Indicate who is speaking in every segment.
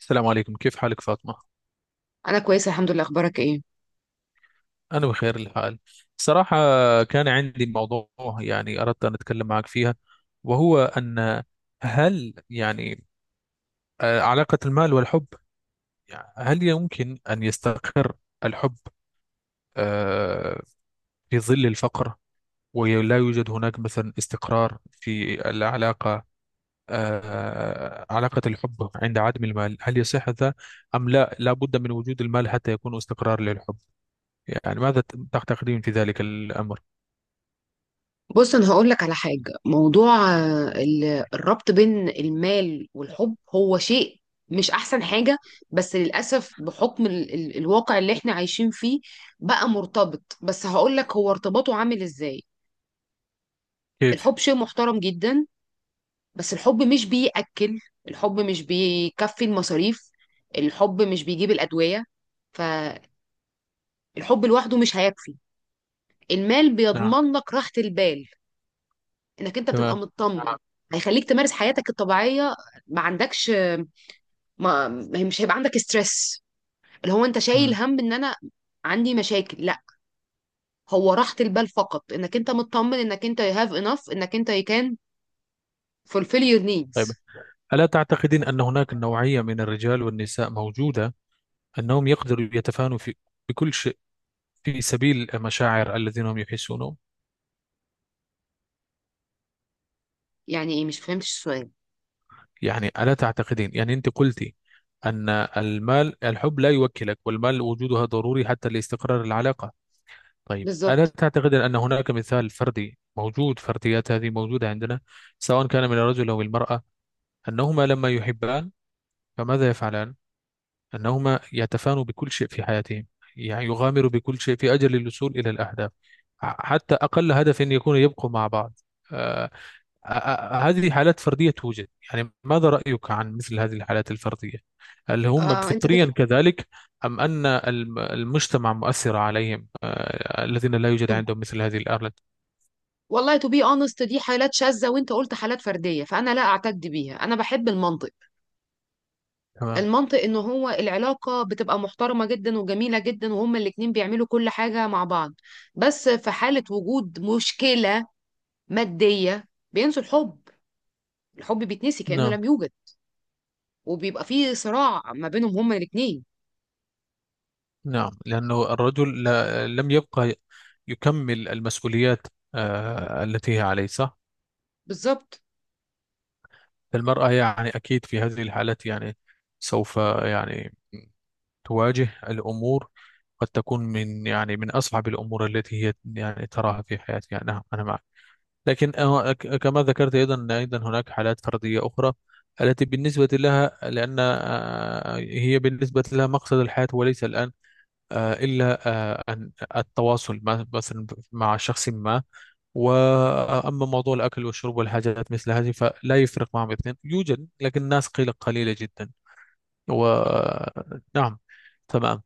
Speaker 1: السلام عليكم، كيف حالك فاطمة؟
Speaker 2: انا كويسه الحمد لله. اخبارك ايه؟
Speaker 1: أنا بخير الحال، صراحة. كان عندي موضوع يعني أردت أن أتكلم معك فيها، وهو أن، هل يعني علاقة المال والحب، يعني هل يمكن أن يستقر الحب آه، في ظل الفقر، ولا يوجد هناك مثلا استقرار في العلاقة؟ علاقة الحب عند عدم المال، هل يصح هذا أم لا، لا بد من وجود المال حتى يكون استقرار للحب؟ يعني ماذا تعتقدين في ذلك الأمر؟
Speaker 2: بص انا هقول لك على حاجه. موضوع الربط بين المال والحب هو شيء مش احسن حاجه، بس للاسف بحكم ال الواقع اللي احنا عايشين فيه بقى مرتبط. بس هقول لك هو ارتباطه عامل ازاي.
Speaker 1: كيف؟
Speaker 2: الحب شيء محترم جدا، بس الحب مش بيأكل، الحب مش بيكفي المصاريف، الحب مش بيجيب الادويه. فالحب لوحده مش هيكفي. المال
Speaker 1: نعم.
Speaker 2: بيضمن لك راحه البال، انك انت بتبقى
Speaker 1: تمام.
Speaker 2: مطمن. هيخليك تمارس حياتك الطبيعيه، ما عندكش، مش هيبقى عندك ستريس، اللي هو انت شايل
Speaker 1: مم.
Speaker 2: هم ان انا عندي مشاكل. لا، هو راحه البال فقط، انك انت مطمن، انك انت you have enough، انك انت you can fulfill your
Speaker 1: طيب،
Speaker 2: needs.
Speaker 1: ألا تعتقدين أن هناك نوعية من الرجال والنساء موجودة أنهم يقدروا يتفانوا في، بكل شيء، في سبيل المشاعر الذين هم يحسونهم؟
Speaker 2: يعني ايه؟ مش فهمتش السؤال.
Speaker 1: يعني ألا تعتقدين؟ يعني أنت قلتي أن المال، الحب لا يوكلك، والمال وجودها ضروري حتى لاستقرار العلاقة. طيب، ألا
Speaker 2: بالظبط.
Speaker 1: تعتقدين أن هناك مثال فردي موجود، فرديات هذه موجودة عندنا، سواء كان من الرجل أو المرأة، أنهما لما يحبان فماذا يفعلان؟ أنهما يتفانوا بكل شيء في حياتهم، يعني يغامروا بكل شيء في أجل الوصول إلى الأهداف، حتى أقل هدف أن يكون يبقوا مع بعض. آه، هذه حالات فردية توجد، يعني ماذا رأيك عن مثل هذه الحالات الفردية؟ هل هم
Speaker 2: آه انت
Speaker 1: فطريا
Speaker 2: بتقول.
Speaker 1: كذلك، أم أن المجتمع مؤثر عليهم، الذين لا يوجد
Speaker 2: to-
Speaker 1: عندهم مثل هذه الآلات؟
Speaker 2: والله to be honest دي حالات شاذة، وانت قلت حالات فردية، فانا لا اعتد بيها. انا بحب المنطق.
Speaker 1: تمام.
Speaker 2: المنطق ان هو العلاقة بتبقى محترمة جدا وجميلة جدا، وهما الاتنين بيعملوا كل حاجة مع بعض. بس في حالة وجود مشكلة مادية بينسوا الحب. الحب بيتنسي كأنه
Speaker 1: نعم،
Speaker 2: لم يوجد، وبيبقى فيه صراع ما بينهم هما الاتنين.
Speaker 1: نعم، لأنه الرجل لم يبقى يكمل المسؤوليات التي هي عليه، صح.
Speaker 2: بالظبط.
Speaker 1: المرأة يعني أكيد في هذه الحالات، يعني سوف يعني تواجه الأمور، قد تكون من يعني من أصعب الأمور التي هي يعني تراها في حياتها. نعم، أنا معك. لكن كما ذكرت أيضا أيضا هناك حالات فردية أخرى، التي بالنسبة لها، لأن هي بالنسبة لها مقصد الحياة وليس الآن، إلا أن التواصل مثلا مع شخص ما، وأما موضوع الأكل والشرب والحاجات مثل هذه فلا يفرق معهم. اثنين يوجد لكن الناس قلة قليلة جدا، ونعم. تمام.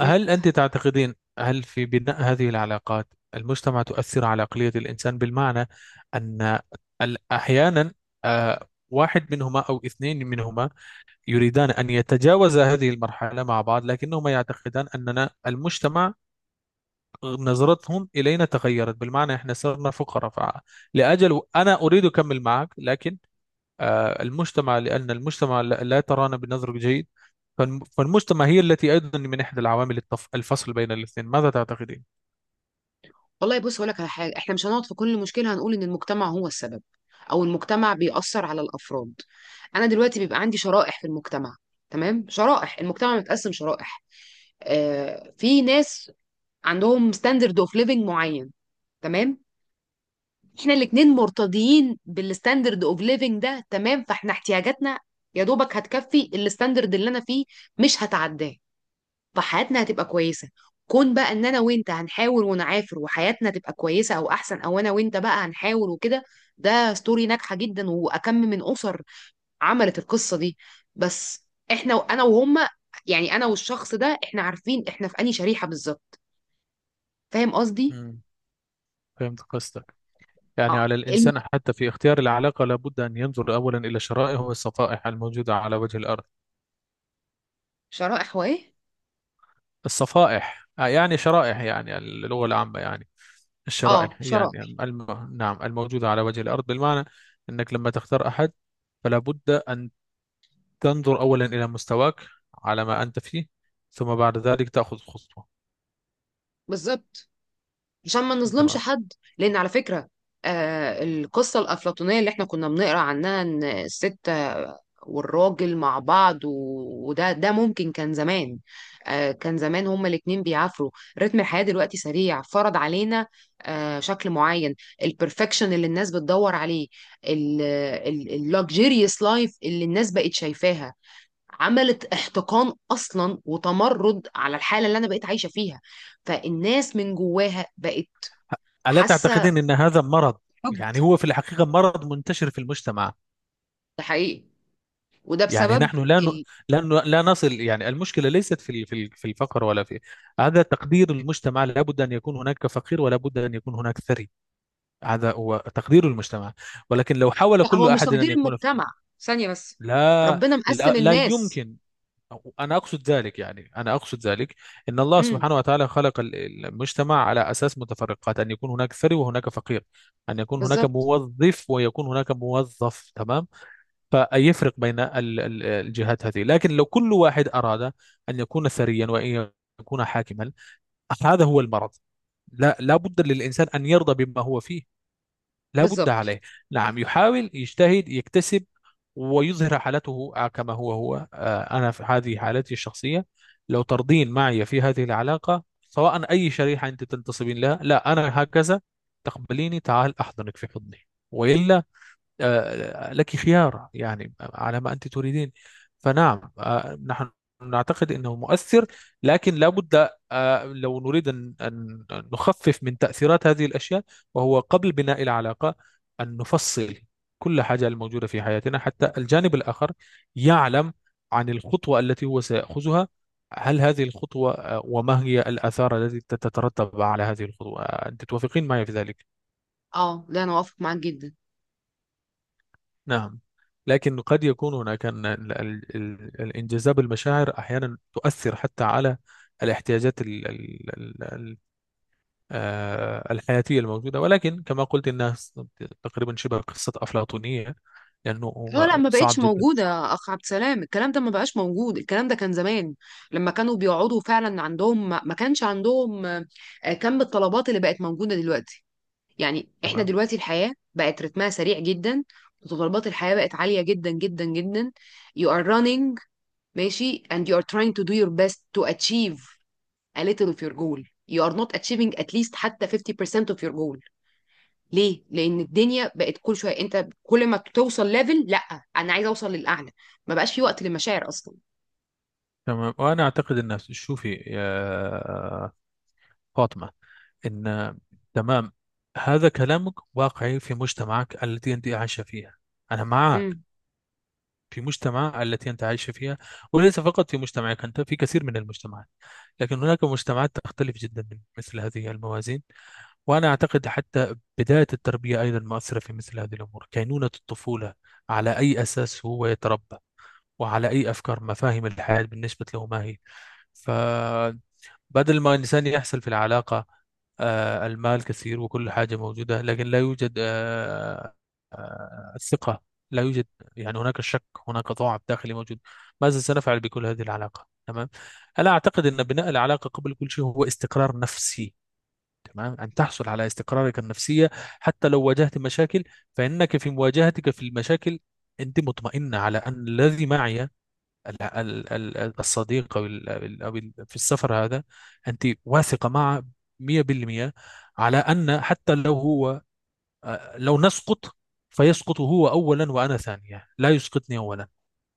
Speaker 2: مش،
Speaker 1: أنت تعتقدين، هل في بناء هذه العلاقات المجتمع تؤثر على عقلية الإنسان، بالمعنى أن أحيانا واحد منهما أو اثنين منهما يريدان أن يتجاوز هذه المرحلة مع بعض، لكنهما يعتقدان أننا المجتمع، نظرتهم إلينا تغيرت، بالمعنى إحنا صرنا فقراء، لأجل، أنا أريد أكمل معك لكن المجتمع، لأن المجتمع لا ترانا بنظر جيد، فالمجتمع هي التي أيضا من إحدى العوامل الفصل بين الاثنين. ماذا تعتقدين؟
Speaker 2: والله بص هقولك على حاجة، احنا مش هنقعد في كل مشكلة هنقول ان المجتمع هو السبب او المجتمع بيأثر على الافراد. انا دلوقتي بيبقى عندي شرائح في المجتمع. تمام؟ شرائح المجتمع متقسم شرائح. في ناس عندهم ستاندرد اوف ليفنج معين، تمام؟ احنا الاتنين مرتضيين بالستاندرد اوف ليفنج ده، تمام؟ فاحنا احتياجاتنا يا دوبك هتكفي الستاندرد اللي انا فيه، مش هتعداه. فحياتنا هتبقى كويسه. كون بقى ان انا وانت هنحاول ونعافر وحياتنا تبقى كويسه او احسن، او انا وانت بقى هنحاول وكده. ده ستوري ناجحه جدا، واكم من اسر عملت القصه دي. بس احنا انا وهما، يعني انا والشخص ده، احنا عارفين احنا في انهي شريحه بالظبط. فاهم قصدي؟
Speaker 1: مم. فهمت قصدك، يعني
Speaker 2: اه
Speaker 1: على الإنسان حتى في اختيار العلاقة لابد أن ينظر أولا إلى شرائح والصفائح الموجودة على وجه الأرض.
Speaker 2: شرائح. وايه؟
Speaker 1: الصفائح يعني شرائح، يعني اللغة العامة، يعني
Speaker 2: اه
Speaker 1: الشرائح يعني
Speaker 2: شرائح.
Speaker 1: نعم الموجودة على وجه الأرض، بالمعنى أنك لما تختار أحد فلا بد أن تنظر أولا إلى مستواك، على ما أنت فيه، ثم بعد ذلك تأخذ خطوة.
Speaker 2: بالظبط. عشان ما نظلمش
Speaker 1: تمام.
Speaker 2: حد، لان على فكره، آه القصه الافلاطونيه اللي احنا كنا بنقرا عنها ان الست والراجل مع بعض، وده ده ممكن كان زمان. آه كان زمان هما الاتنين بيعافروا. رتم الحياه دلوقتي سريع، فرض علينا شكل معين. البرفكشن اللي الناس بتدور عليه، اللوكجيريوس لايف اللي الناس بقت شايفاها، عملت احتقان اصلا وتمرد على الحاله اللي انا بقيت عايشه فيها. فالناس من جواها بقت
Speaker 1: ألا
Speaker 2: حاسه
Speaker 1: تعتقدين أن هذا مرض؟
Speaker 2: حقد.
Speaker 1: يعني هو في الحقيقة مرض منتشر في المجتمع،
Speaker 2: ده حقيقي. وده
Speaker 1: يعني
Speaker 2: بسبب
Speaker 1: نحن
Speaker 2: ال...
Speaker 1: لا نصل، يعني المشكلة ليست في في الفقر، ولا في، هذا تقدير المجتمع، لا بد أن يكون هناك فقير، ولا بد أن يكون هناك ثري، هذا هو تقدير المجتمع. ولكن لو حاول
Speaker 2: لا، هو
Speaker 1: كل
Speaker 2: مش
Speaker 1: أحد
Speaker 2: تقدير
Speaker 1: أن يكون،
Speaker 2: المجتمع. ثانيه بس.
Speaker 1: لا،
Speaker 2: ربنا
Speaker 1: لا،
Speaker 2: مقسم
Speaker 1: لا
Speaker 2: الناس.
Speaker 1: يمكن. أنا أقصد ذلك، يعني أنا أقصد ذلك، أن الله
Speaker 2: امم.
Speaker 1: سبحانه وتعالى خلق المجتمع على أساس متفرقات، أن يكون هناك ثري وهناك فقير، أن يكون هناك
Speaker 2: بالظبط.
Speaker 1: موظف ويكون هناك موظف. تمام. فيفرق بين الجهات هذه، لكن لو كل واحد أراد أن يكون ثريا، وأن يكون حاكما، هذا هو المرض. لا، لا بد للإنسان أن يرضى بما هو فيه، لابد
Speaker 2: بالظبط.
Speaker 1: عليه. نعم، يحاول يجتهد يكتسب ويظهر حالته كما هو أنا في هذه حالتي الشخصية، لو ترضين معي في هذه العلاقة، سواء أي شريحة أنت تنتصبين لها، لا أنا هكذا، تقبليني، تعال أحضنك في حضني، وإلا لك خيار يعني على ما أنت تريدين. فنعم، نحن نعتقد أنه مؤثر، لكن لابد لو نريد أن نخفف من تأثيرات هذه الأشياء، وهو قبل بناء العلاقة أن نفصل كل حاجة الموجودة في حياتنا، حتى الجانب الآخر يعلم عن الخطوة التي هو سيأخذها، هل هذه الخطوة، وما هي الآثار التي تترتب على هذه الخطوة؟ أنت توافقين معي في ذلك؟
Speaker 2: اه لا، انا وافق معاك جدا.
Speaker 1: نعم، لكن قد يكون هناك الانجذاب، المشاعر أحيانا تؤثر حتى على الاحتياجات الحياتية الموجودة، ولكن كما قلت إنها تقريبا شبه قصة أفلاطونية، لأنه
Speaker 2: اه لا،
Speaker 1: هو
Speaker 2: ما
Speaker 1: صعب
Speaker 2: بقتش
Speaker 1: جدا.
Speaker 2: موجوده يا اخ عبد السلام. الكلام ده ما بقاش موجود، الكلام ده كان زمان، لما كانوا بيقعدوا فعلا عندهم، ما كانش عندهم كم الطلبات اللي بقت موجوده دلوقتي. يعني احنا
Speaker 1: تمام.
Speaker 2: دلوقتي الحياة بقت رتمها سريع جدا، متطلبات الحياة بقت عالية جدا جدا جدا. You are running ماشي and you are trying to do your best to achieve a little of your goal. You are not achieving at least حتى 50% of your goal. ليه؟ لأن الدنيا بقت كل شوية انت كل ما توصل ليفل، لا انا عايزة اوصل للأعلى. ما بقاش في وقت للمشاعر أصلا.
Speaker 1: تمام، وأنا أعتقد أن، شوفي يا فاطمة، إن، تمام، هذا كلامك واقعي في مجتمعك التي أنت عايشة فيها، أنا معك،
Speaker 2: امم.
Speaker 1: في مجتمع التي أنت عايش فيها، وليس فقط في مجتمعك أنت، في كثير من المجتمعات، لكن هناك مجتمعات تختلف جدا من مثل هذه الموازين. وأنا أعتقد حتى بداية التربية أيضا مؤثرة في مثل هذه الأمور، كينونة الطفولة، على أي أساس هو يتربى، وعلى أي أفكار، مفاهيم الحياة بالنسبة له ما هي، بدل ما الإنسان يحصل في العلاقة المال كثير وكل حاجة موجودة لكن لا يوجد الثقة، لا يوجد، يعني هناك الشك، هناك ضعف داخلي موجود، ماذا سنفعل بكل هذه العلاقة؟ تمام. أنا أعتقد أن بناء العلاقة قبل كل شيء هو استقرار نفسي، تمام، أن تحصل على استقرارك النفسية، حتى لو واجهت مشاكل، فإنك في مواجهتك في المشاكل أنت مطمئنة على أن الذي معي، الصديق، او في السفر هذا، انت واثقه معه 100%، على ان حتى لو هو لو نسقط، فيسقط هو اولا وانا ثانيه، لا يسقطني اولا،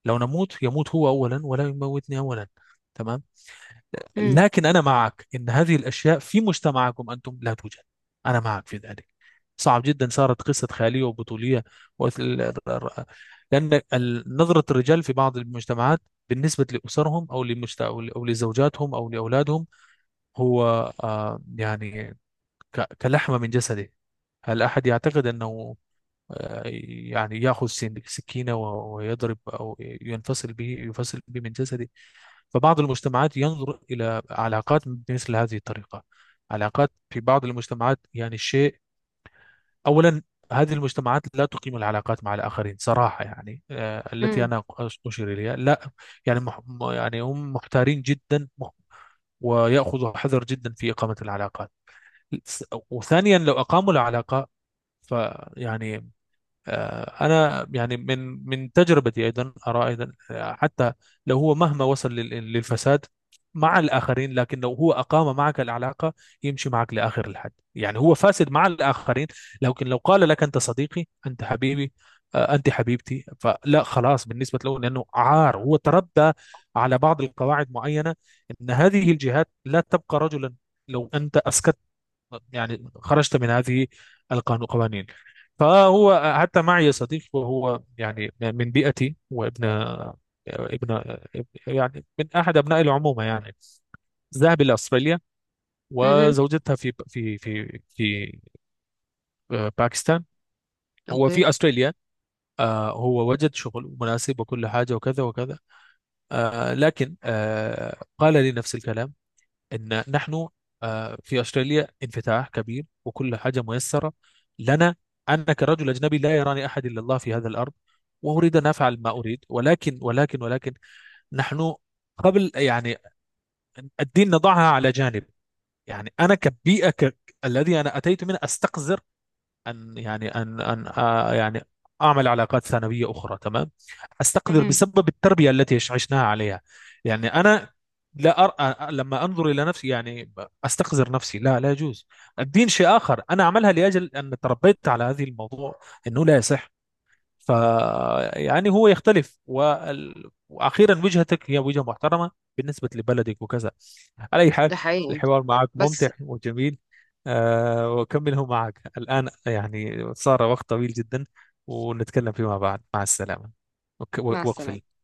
Speaker 1: لو نموت يموت هو اولا ولا يموتني اولا. تمام.
Speaker 2: امم.
Speaker 1: لكن أنا معك إن هذه الأشياء في مجتمعكم أنتم لا توجد، أنا معك في ذلك، صعب جدا، صارت قصة خيالية وبطولية، وال- لأن نظرة الرجال في بعض المجتمعات بالنسبة لأسرهم أو لزوجاتهم أو لأولادهم، هو يعني كلحمة من جسده، هل أحد يعتقد أنه آه، يعني يأخذ سكينة ويضرب، أو ينفصل به، يفصل به من جسده؟ فبعض المجتمعات ينظر إلى علاقات بمثل هذه الطريقة، علاقات في بعض المجتمعات يعني الشيء، أولا، هذه المجتمعات لا تقيم العلاقات مع الآخرين صراحة، يعني التي أنا أشير إليها، لا، يعني يعني هم محتارين جدا، ويأخذوا حذر جدا في إقامة العلاقات، س- وثانيا لو أقاموا العلاقة، فيعني، أنا يعني من تجربتي، أيضا أرى أيضا، حتى لو هو مهما وصل للفساد مع الآخرين، لكن لو هو أقام معك العلاقة يمشي معك لآخر الحد، يعني هو فاسد مع الآخرين، لكن لو قال لك أنت صديقي، أنت حبيبي، أنت حبيبتي، فلا، خلاص بالنسبة له، لأنه، عار، هو تربى على بعض القواعد معينة، أن هذه الجهات لا تبقى رجلا لو أنت أسكت، يعني خرجت من هذه القوانين. فهو حتى معي صديق، وهو يعني من بيئتي، وابن ابن يعني من احد ابناء العمومه، يعني ذهب الى استراليا
Speaker 2: امم.
Speaker 1: وزوجتها في باكستان، هو
Speaker 2: اوكي.
Speaker 1: في استراليا، هو وجد شغل مناسب وكل حاجه وكذا وكذا، لكن قال لي نفس الكلام، ان نحن في استراليا انفتاح كبير وكل حاجه ميسره لنا، انا كرجل اجنبي لا يراني احد الا الله في هذا الارض، واريد ان افعل ما اريد، ولكن نحن، قبل يعني الدين نضعها على جانب، يعني انا كبيئه الذي انا اتيت منه استقذر أن، يعني أن يعني أعمل علاقات ثانوية أخرى، تمام، أستقدر
Speaker 2: مهم.
Speaker 1: بسبب التربية التي عشناها عليها، يعني أنا لا أرى لما أنظر إلى نفسي، يعني أستقذر نفسي، لا، لا يجوز. الدين شيء آخر، أنا أعملها لأجل أن تربيت على هذه الموضوع أنه لا يصح، ف يعني هو يختلف، واخيرا وجهتك هي وجهه محترمه بالنسبه لبلدك وكذا، على اي حال
Speaker 2: ده حقيقي.
Speaker 1: الحوار معك
Speaker 2: بس
Speaker 1: ممتع وجميل. وأكمله معك الآن، يعني صار وقت طويل جدا، ونتكلم فيما بعد. مع السلامة. وك-
Speaker 2: مع السلامة.
Speaker 1: وأقفل.